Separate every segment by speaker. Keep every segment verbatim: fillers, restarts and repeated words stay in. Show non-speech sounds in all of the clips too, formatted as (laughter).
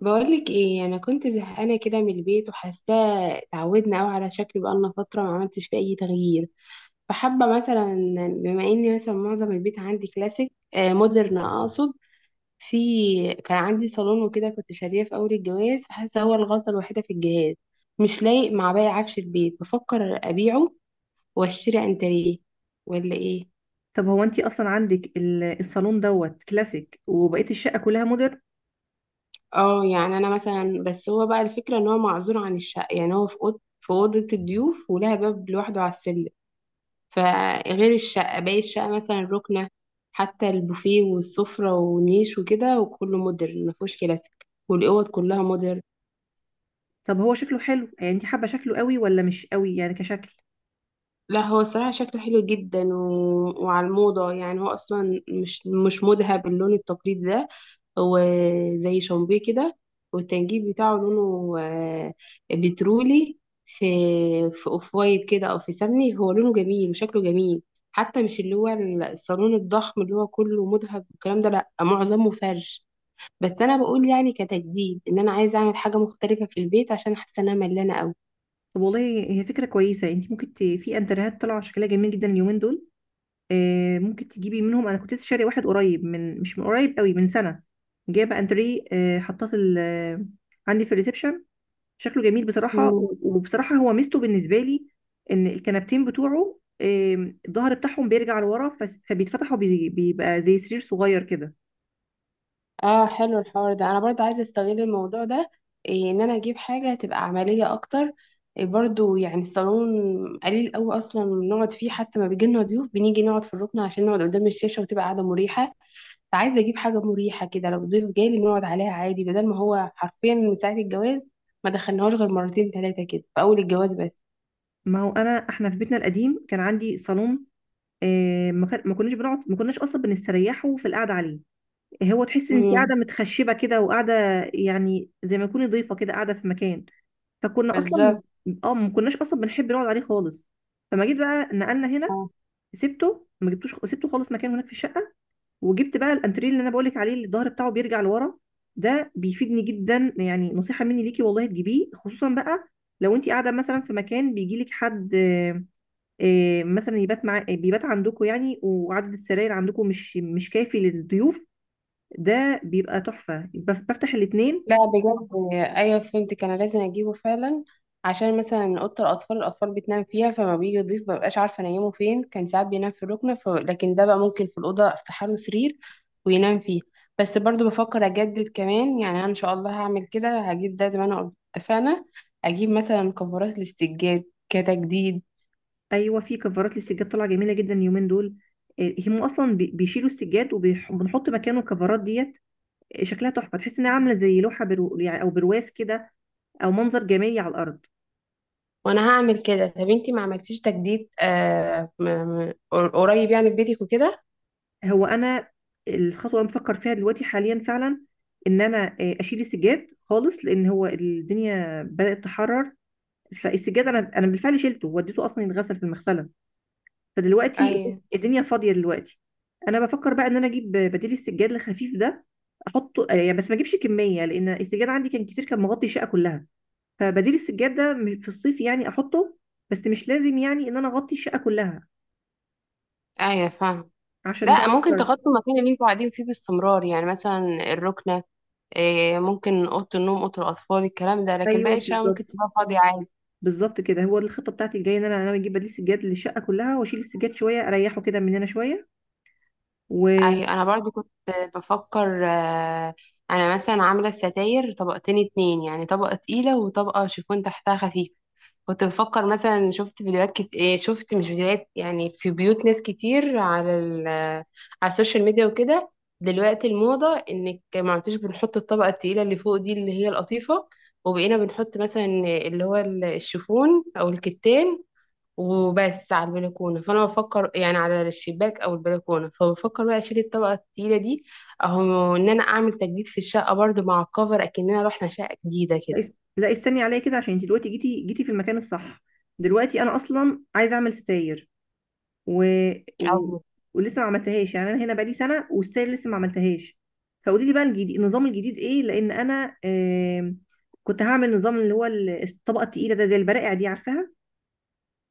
Speaker 1: بقولك ايه، انا كنت زهقانه كده من البيت وحاساه اتعودنا قوي على شكل، بقالنا فتره ما عملتش فيه اي تغيير. فحابه مثلا بما اني مثلا معظم البيت عندي كلاسيك، آه مودرن اقصد. في كان عندي صالون وكده كنت شاريه في اول الجواز، فحاسه هو الغلطه الوحيده في الجهاز، مش لايق مع باقي عفش البيت. بفكر ابيعه واشتري انتريه ولا ايه.
Speaker 2: طب هو انت اصلا عندك ال- الصالون دوت كلاسيك وبقيه الشقه كلها مودرن.
Speaker 1: اه، يعني انا مثلا، بس هو بقى الفكره ان هو معزول عن الشقه، يعني هو في اوضه في اوضه الضيوف، ولها باب لوحده على السلم. فغير الشقة، باقي الشقة مثلا الركنة حتى، البوفيه والسفرة والنيش وكده، وكله مودرن مفهوش كلاسيك. والأوض كلها مودرن.
Speaker 2: طب هو شكله حلو، يعني انت حابه شكله قوي ولا مش قوي يعني كشكل؟
Speaker 1: لا، هو الصراحة شكله حلو جدا و... وعلى الموضة. يعني هو أصلا مش مش مذهب باللون التقليدي ده. هو زي شامبيه كده، والتنجيد بتاعه لونه آه، بترولي. في في اوف وايت كده، أو في سمني. هو لونه جميل وشكله جميل. حتى مش اللي هو الصالون الضخم اللي هو كله مذهب والكلام ده، لأ، معظمه فرش. بس أنا بقول يعني كتجديد، إن أنا عايزة أعمل حاجة مختلفة في البيت عشان حاسة إن أنا ملانة.
Speaker 2: طب والله، هي فكره كويسه، يعني انت ممكن ت... في انترهات طالعه شكلها جميل جدا اليومين دول. آه، ممكن تجيبي منهم. انا كنت لسه شاريه واحد قريب، من، مش من قريب قوي، من سنه. جايبه انتريه، آه حطاه في ال... عندي في الريسبشن. شكله جميل بصراحة،
Speaker 1: أوي.
Speaker 2: و- وبصراحة هو ميزته بالنسبة لي. إن الكنبتين بتوعه آم، الظهر بتاعهم بيرجع لورا، فس- فبيتفتح وبيبقى زي سرير صغير كده.
Speaker 1: اه، حلو الحوار ده، انا برضو عايزه استغل الموضوع ده. إيه، ان انا اجيب حاجه تبقى عمليه اكتر. إيه، برضو يعني الصالون قليل قوي اصلا نقعد فيه. حتى ما بيجي لنا ضيوف، بنيجي نقعد في الركن عشان نقعد قدام الشاشه وتبقى قاعده مريحه. فعايزه اجيب حاجه مريحه كده، لو ضيف جالي نقعد عليها عادي، بدل ما هو حرفيا من ساعه الجواز ما دخلناهوش غير مرتين ثلاثه كده في اول الجواز بس.
Speaker 2: ما هو أنا إحنا في بيتنا القديم كان عندي صالون. آم، ما كان- ما كناش بنقعد، ما كناش أصلا بنستريحه في القعدة عليه. هو تحس إن أنت
Speaker 1: امم.
Speaker 2: قاعدة متخشبة كده وقاعدة، يعني زي ما تكوني ضيفة كده قاعدة في مكان. فكنا أصلا،
Speaker 1: بالظبط.
Speaker 2: اه ما كناش أصلا بنحب نقعد عليه خالص. فما جيت بقى نقلنا هنا، سبته، ما جبتوش، سبته خالص مكان هناك في الشقة. وجبت بقى الانتريه اللي انا بقولك عليه، اللي الظهر بتاعه بيرجع لورا. ده بيفيدني جدا، يعني نصيحه مني ليكي والله تجيبيه، خصوصا بقى لو انت قاعده مثلا في مكان بيجيلك حد آه، آه، مثلا يبات مع آه، بيبات عندكم يعني، وعدد السراير عندكم مش مش كافي للضيوف. ده بيبقى تحفه، بف- بفتح الاثنين.
Speaker 1: لا بجد، ايوه فهمتك، انا لازم اجيبه فعلا. عشان مثلا اوضه الاطفال الاطفال بتنام فيها، فما بيجي يضيف مبقاش عارفه انيمه فين. كان ساعات بينام في الركنه ف... لكن ده بقى ممكن في الاوضه افتح له سرير وينام فيه. بس برضو بفكر اجدد كمان، يعني انا ان شاء الله هعمل كده، هجيب ده زي ما انا قلت اتفقنا. اجيب مثلا كفرات للسجاد كتجديد.
Speaker 2: ايوه، في كفرات للسجاد طالعه جميله جدا اليومين دول. آه، هم اصلا بي- بيشيلوا السجاد وبنحط مكانه الكفرات ديت. آه، شكلها تحفه، تحس انها عامله زي لوحه، برو يعني او برواز كده، او منظر جمالي على الارض.
Speaker 1: وانا هعمل كده. طب انتي ما عملتيش تجديد آه م- م- قريب يعني، في بيتك وكده؟
Speaker 2: هو انا الخطوه اللي بفكر فيها دلوقتي حاليا فعلا، ان انا آه، اشيل السجاد خالص، لان هو الدنيا بدات تحرر. فالسجاد انا انا بالفعل شيلته وديته اصلا يتغسل في المغسله. فدلوقتي
Speaker 1: ايوه،
Speaker 2: الدنيا فاضيه دلوقتي. انا بفكر بقى ان انا اجيب بديل السجاد الخفيف ده، احطه، آه، يعني بس ما اجيبش كميه، لان السجاد عندي كان كتير، كان مغطي الشقه كلها. فبديل السجاد ده م- في الصيف يعني احطه، بس مش لازم يعني ان انا اغطي الشقه كلها
Speaker 1: ايوه، فاهمه.
Speaker 2: عشان بقى
Speaker 1: لا، ممكن
Speaker 2: الحر.
Speaker 1: تغطوا المكان اللي انتوا قاعدين فيه باستمرار، يعني مثلا الركنة، إيه، ممكن أوضة النوم، أوضة الأطفال، الكلام ده، لكن
Speaker 2: ايوه
Speaker 1: باقي الشقة ممكن
Speaker 2: بالظبط،
Speaker 1: تسيبها فاضية عادي.
Speaker 2: بالظبط كده، هو الخطه بتاعتي الجايه ان انا انا اجيب بديل سجاد للشقه كلها واشيل السجاد شويه، اريحه كده من هنا شويه و
Speaker 1: أيوة، أنا برضو كنت بفكر، آه، أنا مثلا عاملة الستاير طبقتين اتنين، يعني طبقة تقيلة وطبقة شيفون تحتها خفيف. كنت بفكر مثلا شفت فيديوهات كت... إيه، شفت مش فيديوهات، يعني في بيوت ناس كتير على ال... على السوشيال ميديا وكده. دلوقتي الموضة انك ما عدتش بنحط الطبقة التقيلة اللي فوق دي، اللي هي القطيفة. وبقينا بنحط مثلا اللي هو ال- الشيفون او الكتان وبس على البلكونة. فانا بفكر يعني على الشباك او البلكونة، فبفكر بقى اشيل الطبقة التقيلة دي اهو، ان انا اعمل تجديد في الشقة برضو مع الكفر، اكننا رحنا شقة جديدة
Speaker 2: لا، لا، استني عليا كده، عشان انت دلوقتي جيتي جيتي في المكان الصح. دلوقتي انا اصلا عايزه اعمل ستاير و...
Speaker 1: كده.
Speaker 2: و... ولسه ما عملتهاش يعني، انا هنا بقالي سنه والستاير لسه ما عملتهاش. فقولي لي بقى الجديد النظام الجديد ايه، لان انا آم، كنت هعمل نظام اللي هو ال- الطبقه التقيله ده زي البرائع دي، عارفاها؟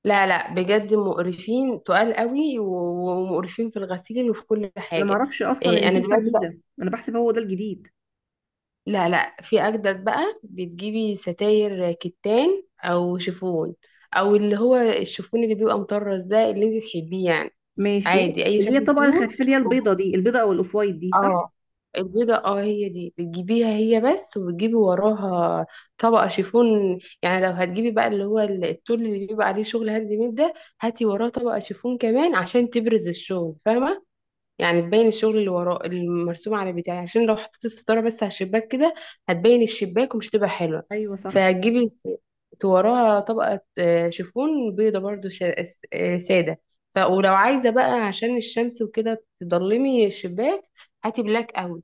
Speaker 1: لا، لا بجد، مقرفين تقال قوي و- ومقرفين في الغسيل وفي كل
Speaker 2: انا ما
Speaker 1: حاجة.
Speaker 2: اعرفش اصلا
Speaker 1: إيه،
Speaker 2: ان
Speaker 1: أنا
Speaker 2: في حاجه
Speaker 1: دلوقتي بقى،
Speaker 2: جديده، انا بحسب هو ده الجديد.
Speaker 1: لا، لا، في أجدد بقى. بتجيبي ستاير كتان أو شيفون، أو اللي هو الشيفون اللي بيبقى مطرز ده، اللي انت تحبيه يعني.
Speaker 2: ماشي.
Speaker 1: عادي، أي
Speaker 2: اللي هي
Speaker 1: شكل
Speaker 2: طبعا
Speaker 1: فيهم.
Speaker 2: الخفيفه دي، البيضه دي، البيضه او الاوف وايت دي، صح؟
Speaker 1: اه، البيضة اه، هي دي بتجيبيها هي بس، وبتجيبي وراها طبقة شيفون. يعني لو هتجيبي بقى اللي هو ال- التول اللي بيبقى عليه شغل هاند ميد ده، هاتي وراه طبقة شيفون كمان عشان تبرز الشغل، فاهمة؟ يعني تبين الشغل اللي وراه المرسوم على بتاعي. عشان لو حطيت الستارة بس على الشباك كده هتبين الشباك ومش تبقى حلوة.
Speaker 2: ايوه صح.
Speaker 1: فهتجيبي ت- وراها طبقة آه، شيفون بيضة برضو شا- آه، س- آه، سادة. ف ولو عايزة بقى عشان الشمس وكده تضلمي الشباك، هاتي بلاك قوي.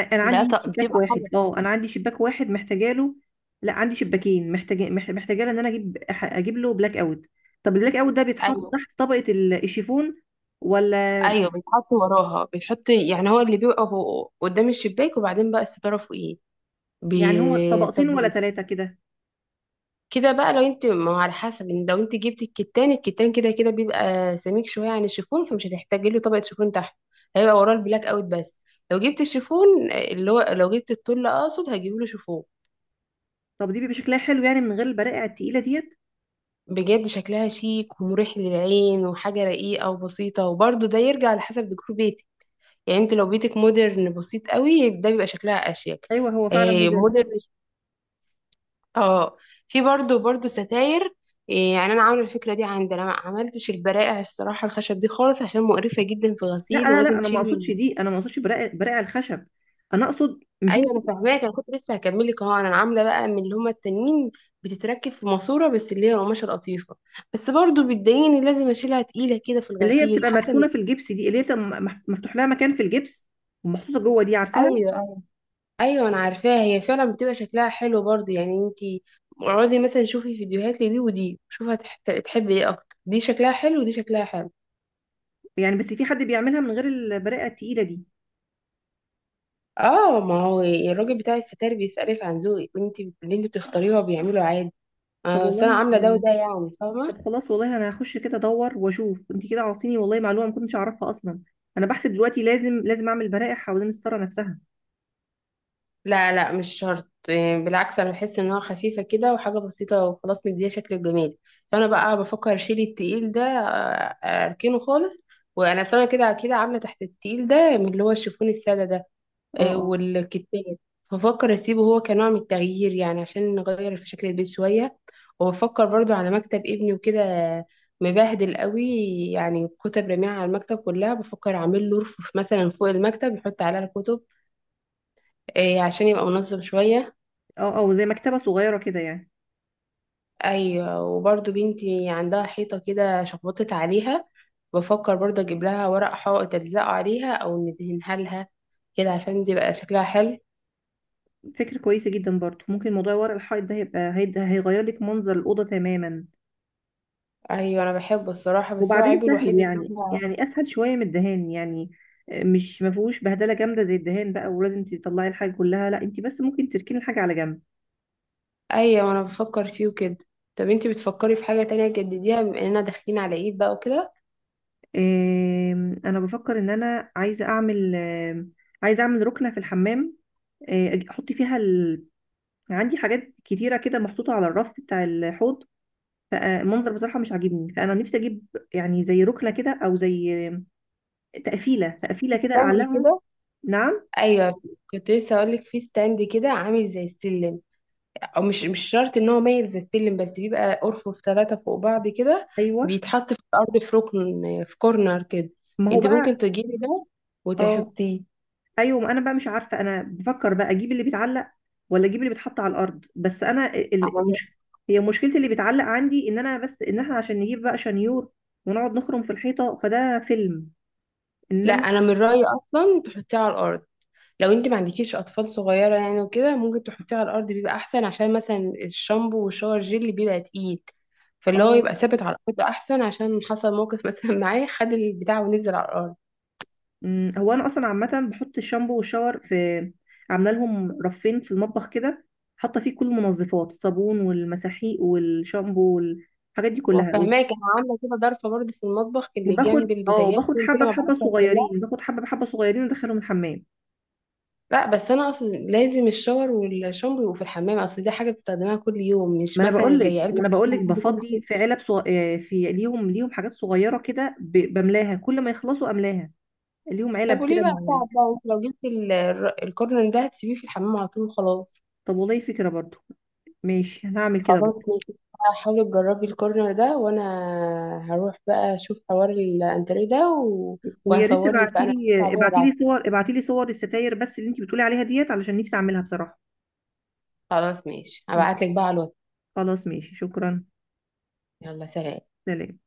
Speaker 2: أ- انا
Speaker 1: ده
Speaker 2: عندي
Speaker 1: ط-
Speaker 2: شباك
Speaker 1: بتبقى حاجة.
Speaker 2: واحد، اه انا عندي شباك واحد محتاجه له. لا، عندي شباكين محتاجه مح- محتاجه له ان انا اجيب أح- اجيب له بلاك اوت. طب البلاك اوت ده بيتحط
Speaker 1: ايوه،
Speaker 2: تحت طبقه ال- الشيفون، ولا؟
Speaker 1: ايوه، بيتحط وراها بيتحط، يعني هو اللي بيبقى فوق- قدام الشباك، وبعدين بقى الستارة فوقيه. بي...
Speaker 2: يعني هو طبقتين ولا ثلاثه كده؟
Speaker 1: كده بقى، لو انت، ما هو على حسب، ان لو انت جبتي الكتان، الكتان كده كده بيبقى سميك شويه عن الشيفون، فمش هتحتاجي له طبقه شيفون تحت. هيبقى وراه البلاك اوت بس. لو جبت الشيفون، آه، اللي هو لو جبت التل اقصد، هجيب له شيفون.
Speaker 2: طب دي بيبقى شكلها حلو يعني، من غير البرائع التقيله ديت؟
Speaker 1: بجد شكلها شيك ومريح للعين، وحاجه رقيقه وبسيطه. وبرده ده يرجع على حسب ديكور بيتك. يعني انت لو بيتك مودرن بسيط قوي، ده بيبقى شكلها اشيك.
Speaker 2: ايوه هو فعلا
Speaker 1: آه،
Speaker 2: موديل.
Speaker 1: مودرن. اه. في برضو برضو ستاير. إيه، يعني انا عامله الفكره دي عندي. انا ما عملتش البرائع الصراحه الخشب دي خالص، عشان مقرفه جدا في
Speaker 2: لا،
Speaker 1: غسيل
Speaker 2: لا، لا،
Speaker 1: ولازم
Speaker 2: انا ما
Speaker 1: تشيل.
Speaker 2: اقصدش دي، انا ما اقصدش برائع، برائع الخشب. انا اقصد، مش
Speaker 1: ايوه، انا فاهماك، انا كنت لسه هكمل لك اهو. انا عامله بقى من اللي هما التانيين، بتتركب في ماسوره بس، اللي هي القماشه القطيفه. بس برضو بتضايقني، لازم اشيلها تقيله كده في
Speaker 2: اللي هي
Speaker 1: الغسيل،
Speaker 2: بتبقى
Speaker 1: حاسه ان.
Speaker 2: مدفونه في الجبس دي، اللي هي بتبقى مح- مفتوح لها مكان في الجبس ومحطوطه جوه دي، عارفاها؟
Speaker 1: ايوه، ايوه، ايوه، انا عارفاها. هي فعلا بتبقى شكلها حلو برضو. يعني انتي اقعدي مثلا شوفي فيديوهات لدي ودي، شوفي هتحبي ايه اكتر، دي شكلها حلو ودي شكلها حلو.
Speaker 2: يعني بس في حد بيعملها من غير البرقه التقيله دي؟
Speaker 1: اه، ما هو الراجل بتاع الستاير بيسألك عن ذوقك، وانت اللي انت بتختاريه هو بيعمله عادي.
Speaker 2: طب
Speaker 1: آه، بس انا
Speaker 2: والله.
Speaker 1: عامله ده وده، يعني فاهمه.
Speaker 2: طب خلاص والله، انا هخش كده ادور واشوف، انت كده عاطيني والله معلومه ما كنتش اعرفها اصلا. انا بحسب دلوقتي لازم لازم اعمل برائح حوالين الستاره نفسها.
Speaker 1: لا، لا، مش شرط. إيه، بالعكس، انا بحس انها خفيفه كده وحاجه بسيطه وخلاص، مديها شكل جميل. فانا بقى بفكر اشيل التقيل ده، آه، اركنه خالص. وانا سنه كده كده عامله تحت التقيل ده من اللي هو الشيفون الساده ده،
Speaker 2: اه،
Speaker 1: آه،
Speaker 2: اه.
Speaker 1: والكتاب. ففكر اسيبه هو كنوع من التغيير، يعني عشان نغير في شكل البيت شويه. وبفكر برضو على مكتب ابني وكده، مبهدل قوي. يعني كتب رميعة على المكتب كلها. بفكر اعمل له رف مثلا فوق المكتب يحط عليها الكتب، آه، عشان يبقى منظم شويه.
Speaker 2: اه، اه، زي مكتبه صغيره كده يعني.
Speaker 1: ايوه. وبرضو بنتي عندها حيطه كده شخبطت عليها. بفكر برضو اجيب لها ورق حائط الزقه عليها او ندهنها لها، كده عشان تبقى شكلها حلو.
Speaker 2: فكره كويسه جدا برضو، ممكن موضوع ورق الحائط ده هيبقى هيد- هيغير لك منظر الاوضه تماما.
Speaker 1: ايوه، انا بحبه الصراحه، بس هو
Speaker 2: وبعدين
Speaker 1: عيبه الوحيد
Speaker 2: سهل،
Speaker 1: ان
Speaker 2: يعني
Speaker 1: هو.
Speaker 2: يعني اسهل شويه من الدهان يعني. آه، مش ما فيهوش بهدله جامده زي الدهان بقى ولازم تطلعي الحاجه كلها، لا انت بس ممكن تركني الحاجه على جنب.
Speaker 1: ايوه، انا بفكر فيه وكده. طب انتي بتفكري في حاجة تانية تجدديها، بما اننا داخلين على عيد بقى وكده؟
Speaker 2: آم، انا بفكر ان انا عايزه اعمل آم، عايزه اعمل ركنه في الحمام. آه، أج- احط فيها ال... عندي حاجات كتيره كده محطوطه على الرف بتاع الحوض. فالمنظر بصراحه مش عاجبني، فانا نفسي اجيب، يعني زي ركنه كده، او زي تقفيله تقفيله
Speaker 1: في
Speaker 2: كده
Speaker 1: ستاند
Speaker 2: اعلقها.
Speaker 1: كده؟
Speaker 2: نعم.
Speaker 1: ايوه، كنت لسه اقول لك في ستاند كده عامل زي السلم، او مش مش شرط ان هو مايل زي السلم، بس بيبقى ارفف ثلاثة فوق بعض كده.
Speaker 2: ايوه،
Speaker 1: بيتحط في الارض في ركن، في كورنر كده.
Speaker 2: ما هو
Speaker 1: انت ممكن
Speaker 2: بقى.
Speaker 1: تجيبي ده
Speaker 2: اه.
Speaker 1: وتحطيه.
Speaker 2: ايوه، ما انا بقى مش عارفه، انا بفكر بقى اجيب اللي بيتعلق ولا اجيب اللي بيتحط على الارض، بس انا ال- ال-
Speaker 1: أنا-
Speaker 2: مش هي مشكلتي، اللي بيتعلق عندي ان انا، بس ان احنا عشان نجيب بقى شنيور ونقعد نخرم في الحيطه فده فيلم،
Speaker 1: لا،
Speaker 2: انما
Speaker 1: انا من رأيي اصلا تحطيه على الارض. لو انت ما عندكيش اطفال صغيره يعني وكده، ممكن تحطيه على الارض، بيبقى احسن. عشان مثلا الشامبو والشاور جيل بيبقى تقيل، فاللي هو
Speaker 2: اه.
Speaker 1: يبقى ثابت على الارض احسن، عشان حصل موقف مثلا (laughs) معاه، خد البتاع ونزل على الارض.
Speaker 2: أمم، هو انا اصلا عامه بحط الشامبو والشاور في، عامله لهم رفين في المطبخ كده، حاطه فيه كل المنظفات، الصابون والمساحيق والشامبو والحاجات دي
Speaker 1: انا
Speaker 2: كلها.
Speaker 1: فاهماك، انا عامله كده ضرفه برضه في المطبخ اللي جنب
Speaker 2: وباخد اه
Speaker 1: البوتاجاز،
Speaker 2: باخد
Speaker 1: كل كده
Speaker 2: حبه
Speaker 1: ما
Speaker 2: بحبه
Speaker 1: بعرفش اغسلها.
Speaker 2: صغيرين باخد حبه بحبه صغيرين ادخلهم الحمام.
Speaker 1: لا، بس انا اقصد لازم الشاور والشامبو يبقوا في الحمام، اصل دي حاجه بتستخدمها كل يوم،
Speaker 2: ما
Speaker 1: مش
Speaker 2: انا
Speaker 1: مثلا
Speaker 2: بقول لك
Speaker 1: زي
Speaker 2: ما
Speaker 1: علبه
Speaker 2: انا بقول لك
Speaker 1: بتجيبي كل
Speaker 2: بفضي
Speaker 1: شويه.
Speaker 2: في علب صغ... آه، في ليهم ليهم حاجات صغيره كده، ب... بملاها كل ما يخلصوا املاها. ليهم
Speaker 1: طب
Speaker 2: علب
Speaker 1: وليه
Speaker 2: كده
Speaker 1: بقى
Speaker 2: معينه.
Speaker 1: صعب، بقى انت لو جبت ال- الكورن ده هتسيبيه في الحمام على طول خلاص.
Speaker 2: طب والله فكره برضو. ماشي، انا هعمل كده
Speaker 1: خلاص،
Speaker 2: برضو.
Speaker 1: ماشي، حاولي تجربي الكورنر ده، وانا هروح بقى اشوف حوار الانتريه ده و...
Speaker 2: ويا ريت
Speaker 1: وهصور لك بقى،
Speaker 2: ابعتي
Speaker 1: انا هشوف عليه
Speaker 2: لي ابعتي
Speaker 1: وابعت.
Speaker 2: لي صور ابعتي لي صور الستاير بس اللي انت بتقولي عليها ديت، علشان نفسي اعملها بصراحه.
Speaker 1: خلاص، ماشي،
Speaker 2: ماشي.
Speaker 1: هبعت لك بقى على الواتس.
Speaker 2: خلاص ماشي، شكرا.
Speaker 1: يلا سلام.
Speaker 2: سلام.